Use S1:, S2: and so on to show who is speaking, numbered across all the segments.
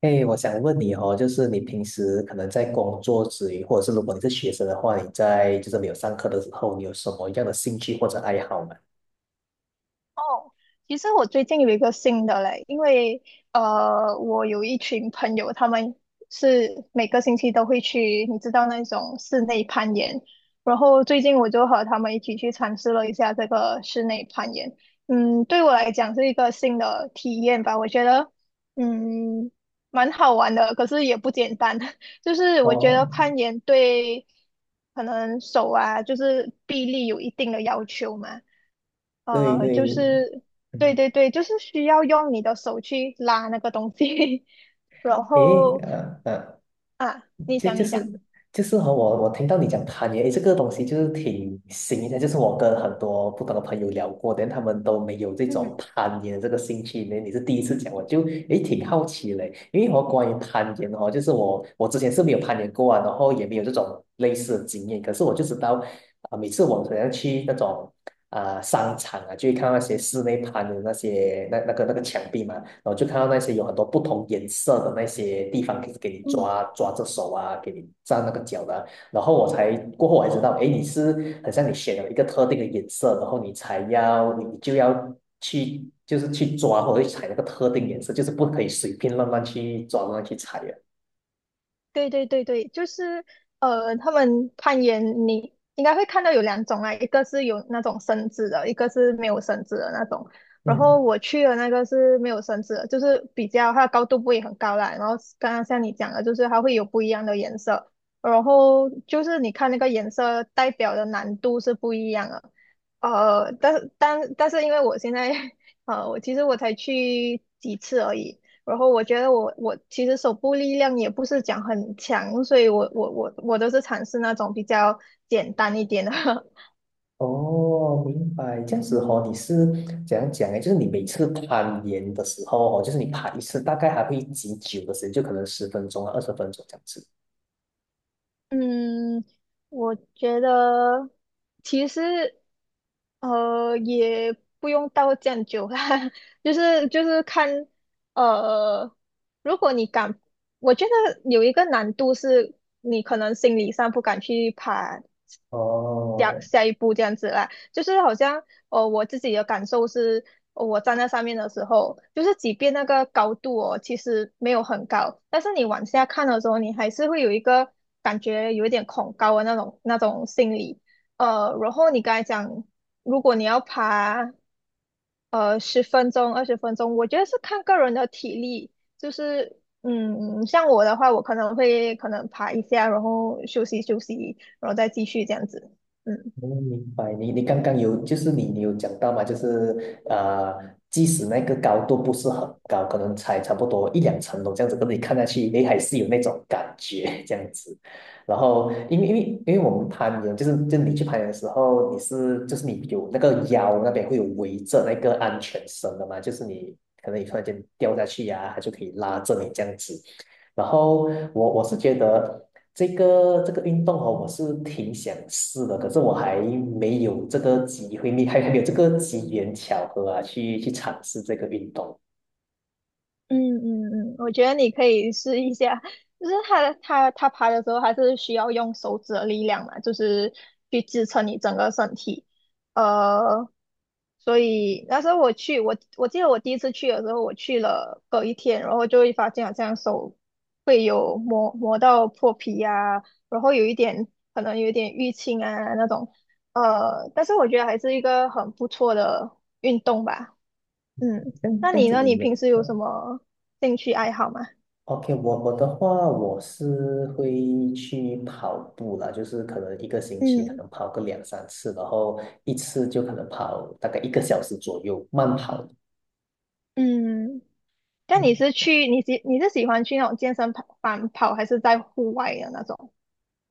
S1: 哎，我想问你哦，就是你平时可能在工作之余，或者是如果你是学生的话，你在就是没有上课的时候，你有什么样的兴趣或者爱好吗？
S2: 哦，其实我最近有一个新的嘞。因为我有一群朋友，他们是每个星期都会去，你知道那种室内攀岩。然后最近我就和他们一起去尝试了一下这个室内攀岩。对我来讲是一个新的体验吧。我觉得嗯蛮好玩的，可是也不简单。就是我觉得
S1: 哦，
S2: 攀岩对可能手啊，就是臂力有一定的要求嘛。
S1: 对
S2: 就
S1: 对，
S2: 是
S1: 嗯，
S2: 对对对，就是需要用你的手去拉那个东西。然
S1: 诶，
S2: 后啊，你
S1: 就
S2: 讲
S1: 就
S2: 你讲。
S1: 是就是和我听到你讲攀岩，诶，这个东西就是挺新的，就是我跟很多不同的朋友聊过，但他们都没有这
S2: 嗯。
S1: 种攀岩这个兴趣。那你是第一次讲，我就诶挺好奇嘞，因为我关于攀岩哦，就是我之前是没有攀岩过啊，然后也没有这种类似的经验，可是我就知道啊、每次我好像去那种啊、商场啊，就会看到那些室内攀的那些那个墙壁嘛。然后就看到那些有很多不同颜色的那些地方给你
S2: 嗯。
S1: 抓着手啊，给你站那个脚的啊。然后过后我才知道，哎，你是很像你选了一个特定的颜色，然后你就要去就是去抓或者去踩那个特定颜色，就是不可以随便乱乱去抓乱乱去踩的。
S2: 对对对对，就是他们攀岩你应该会看到有两种啊，一个是有那种绳子的，一个是没有绳子的那种。然
S1: 嗯，
S2: 后我去的那个是没有绳子的，就是比较它的高度不会很高啦。然后刚刚像你讲的，就是它会有不一样的颜色，然后就是你看那个颜色代表的难度是不一样的。但是因为我现在 其实我才去几次而已。然后我觉得我其实手部力量也不是讲很强，所以我都是尝试那种比较简单一点的。
S1: 哦，明白。这样子哦，你是怎样讲呢？就是你每次攀岩的时候哦，就是你爬一次，大概还会几久的时间？就可能十分钟啊，二十分钟这样子。
S2: 嗯，我觉得其实也不用到这样久啦。就是看呃，如果你敢，我觉得有一个难度是你可能心理上不敢去爬下
S1: 哦，
S2: 下一步这样子啦。就是好像我自己的感受是，我站在上面的时候，就是即便那个高度哦其实没有很高，但是你往下看的时候，你还是会有一个感觉有一点恐高的那种心理。然后你刚才讲，如果你要爬十分钟、20分钟，我觉得是看个人的体力。就是像我的话，我可能会可能爬一下，然后休息休息，然后再继续这样子。嗯。
S1: 嗯，明白。你刚刚有，就是你有讲到嘛，就是即使那个高度不是很高，可能才差不多1、2层楼这样子，可是你看下去，诶，还是有那种感觉这样子。然后，因为我们攀岩，就是就你去攀岩的时候，你是就是你有那个腰那边会有围着那个安全绳的嘛，就是你可能你突然间掉下去呀、它就可以拉着你这样子。然后我是觉得这个运动哦，我是挺想试的，可是我还没有这个机会，你还没有这个机缘巧合啊，去尝试这个运动。
S2: 嗯嗯嗯，我觉得你可以试一下，就是他爬的时候，还是需要用手指的力量嘛，就是去支撑你整个身体。呃，所以那时候我去，我记得我第一次去的时候，我去了隔一天，然后就会发现好像手会有磨磨到破皮啊，然后有一点可能有一点淤青啊那种。但是我觉得还是一个很不错的运动吧。嗯，
S1: 这样
S2: 那
S1: 这样
S2: 你
S1: 子
S2: 呢？
S1: 你
S2: 你
S1: 们
S2: 平时有什
S1: 嗯
S2: 么兴趣爱好吗？
S1: ，OK，我的话，我是会去跑步啦，就是可能一个星期可
S2: 嗯
S1: 能跑个2、3次，然后一次就可能跑大概一个小时左右，慢跑。
S2: 嗯，那你是喜欢去那种健身跑房跑，还是在户外的那种？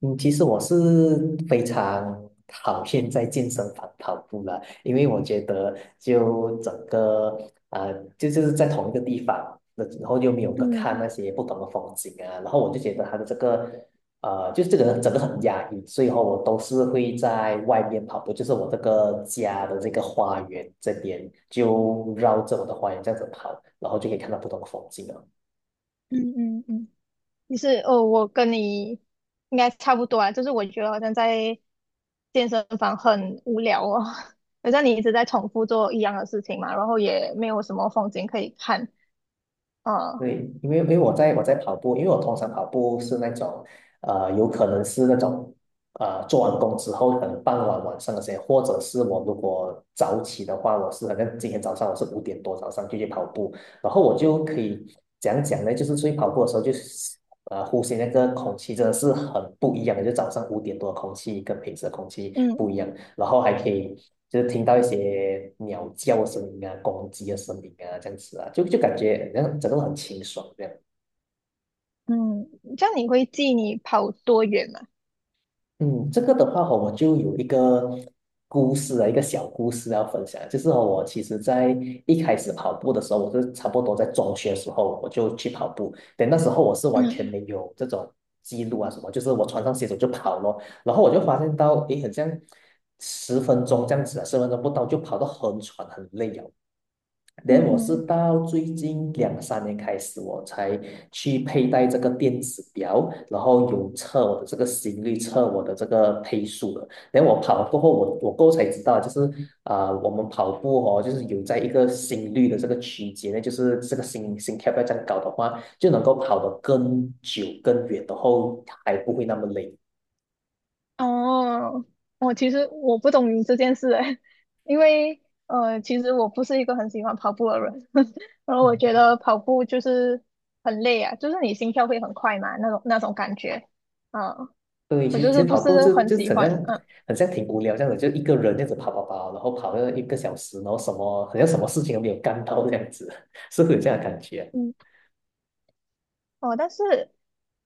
S1: 嗯，其实我是非常讨厌在健身房跑步了，因为我觉得就整个就是在同一个地方，那然后又没有个看
S2: 嗯
S1: 那些不同的风景啊，然后我就觉得它的这个就是这个整个很压抑，所以后我都是会在外面跑步，就是我这个家的这个花园这边，就绕着我的花园这样子跑，然后就可以看到不同的风景啊。
S2: 嗯嗯嗯，你是哦，我跟你应该差不多啊，就是我觉得好像在健身房很无聊哦。好像你一直在重复做一样的事情嘛，然后也没有什么风景可以看。啊。
S1: 对，因为我在跑步，因为我通常跑步是那种，有可能是那种，做完工之后，可能傍晚晚上那些，或者是我如果早起的话，我是好像今天早上我是五点多早上就去跑步，然后我就可以讲讲呢，就是出去跑步的时候，就是呼吸那个空气真的是很不一样的，就早上五点多的空气跟平时的空气
S2: 嗯
S1: 不一样。然后还可以就是听到一些鸟叫的声音啊、公鸡的声音啊，这样子啊，就感觉好像整个人很清爽这样。
S2: 嗯，这样你会记你跑多远吗？
S1: 嗯，这个的话哦，我就有一个故事啊，一个小故事要分享，就是哦我其实在一开始跑步的时候，我是差不多在中学的时候我就去跑步，但那时候我是完全
S2: 嗯
S1: 没有这种记录啊什么，就是我穿上鞋子我就跑咯，然后我就发现到，诶，好像十分钟这样子啊，十分钟不到就跑到很喘很累啊。
S2: 嗯
S1: 连后我是
S2: 嗯
S1: 到最近2、3年开始，我才去佩戴这个电子表，然后有测我的这个心率，测我的这个配速的。然后我跑过后，我过后才知道，就是啊、我们跑步哦，就是有在一个心率的这个区间呢，就是这个心跳不要这样高的话，就能够跑得更久更远，然后还不会那么累。
S2: 哦，我其实不懂你这件事诶。因为其实我不是一个很喜欢跑步的人。然后我觉得跑步就是很累啊，就是你心跳会很快嘛，那种感觉。嗯，
S1: 对，其
S2: 我
S1: 实
S2: 就
S1: 其
S2: 是
S1: 实
S2: 不
S1: 跑步
S2: 是
S1: 就
S2: 很
S1: 就
S2: 喜
S1: 很
S2: 欢。
S1: 像，
S2: 嗯
S1: 很像挺无聊这样子，就一个人这样子跑跑跑，然后跑了一个小时，然后什么好像什么事情都没有干到这样子，是会有这样的感觉。
S2: 嗯。哦，但是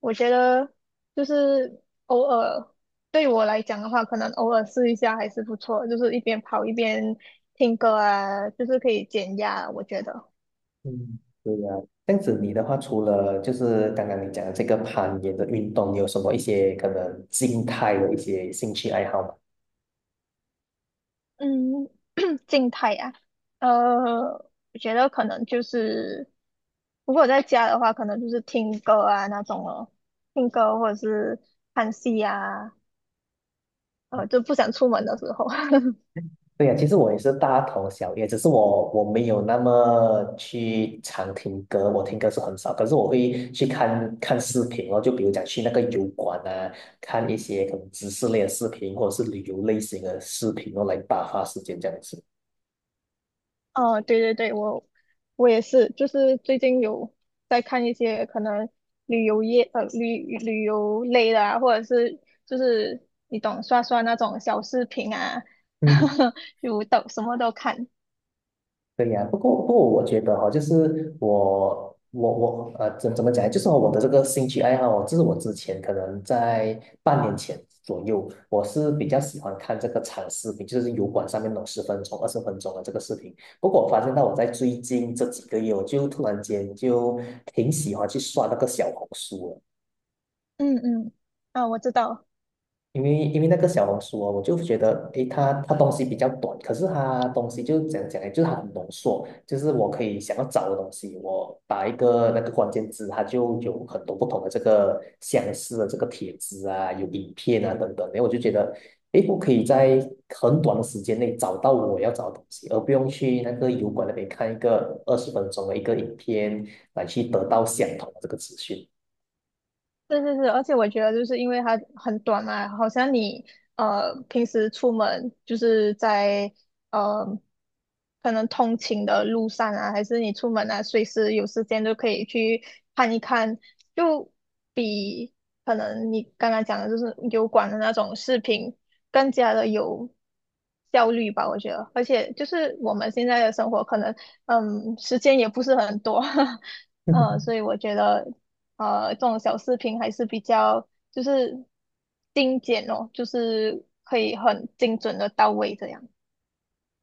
S2: 我觉得就是偶尔对我来讲的话，可能偶尔试一下还是不错，就是一边跑一边听歌啊，就是可以减压啊，我觉得。
S1: 嗯。对呀，这样子你的话，除了就是刚刚你讲的这个攀岩的运动，你有什么一些可能静态的一些兴趣爱好吗？
S2: 嗯。静态呀？我觉得可能就是，如果在家的话，可能就是听歌啊那种哦，听歌或者是看戏啊。就不想出门的时候。
S1: 对呀，其实我也是大同小异，只是我没有那么去常听歌，我听歌是很少，可是我会去看看视频哦，就比如讲去那个油管啊，看一些可能知识类的视频或者是旅游类型的视频哦，来打发时间这样子。
S2: 哦，对对对，我也是，就是最近有在看一些可能旅游类的啊，或者是就是你懂刷刷那种小视频啊。
S1: 嗯。
S2: 就都什么都看。
S1: 对呀，不过，我觉得哈、就是我怎么讲呢就是我的这个兴趣爱好哦，就是我之前可能在半年前左右，我是比较喜欢看这个长视频，就是油管上面弄种十分钟、二十分钟的这个视频。不过我发现到我在最近这几个月，我就突然间就挺喜欢去刷那个小红书了。
S2: 嗯嗯，啊，我知道。
S1: 因为那个小红书哦，我就觉得，诶，它东西比较短，可是它东西就讲讲呢？就是它很浓缩，就是我可以想要找的东西，我打一个那个关键字，它就有很多不同的这个相似的这个帖子啊，有影片啊等等，然后我就觉得，诶，我可以在很短的时间内找到我要找的东西，而不用去那个油管那边看一个二十分钟的一个影片来去得到相同的这个资讯。
S2: 是是是，而且我觉得就是因为它很短嘛，好像你平时出门就是在呃可能通勤的路上啊，还是你出门啊，随时有时间都可以去看一看，就比可能你刚刚讲的就是油管的那种视频更加的有效率吧，我觉得。而且就是我们现在的生活可能时间也不是很多。所以我觉得。这种小视频还是比较就是精简哦，就是可以很精准的到位这样。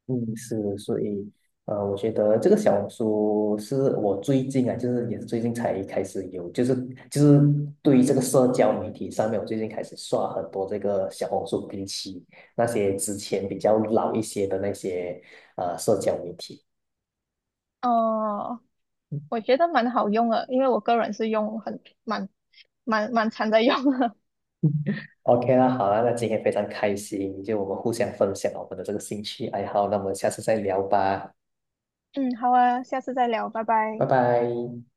S1: 嗯，是，所以，我觉得这个小红书是我最近啊，就是也是最近才开始有，就是对于这个社交媒体上面，我最近开始刷很多这个小红书，比起那些之前比较老一些的那些社交媒体。
S2: 哦、我觉得蛮好用的，因为我个人是用很蛮常在用的。
S1: OK 啦，好啦，那今天非常开心，就我们互相分享我们的这个兴趣爱好，那我们下次再聊吧，
S2: 嗯，好啊，下次再聊，拜
S1: 拜
S2: 拜。
S1: 拜。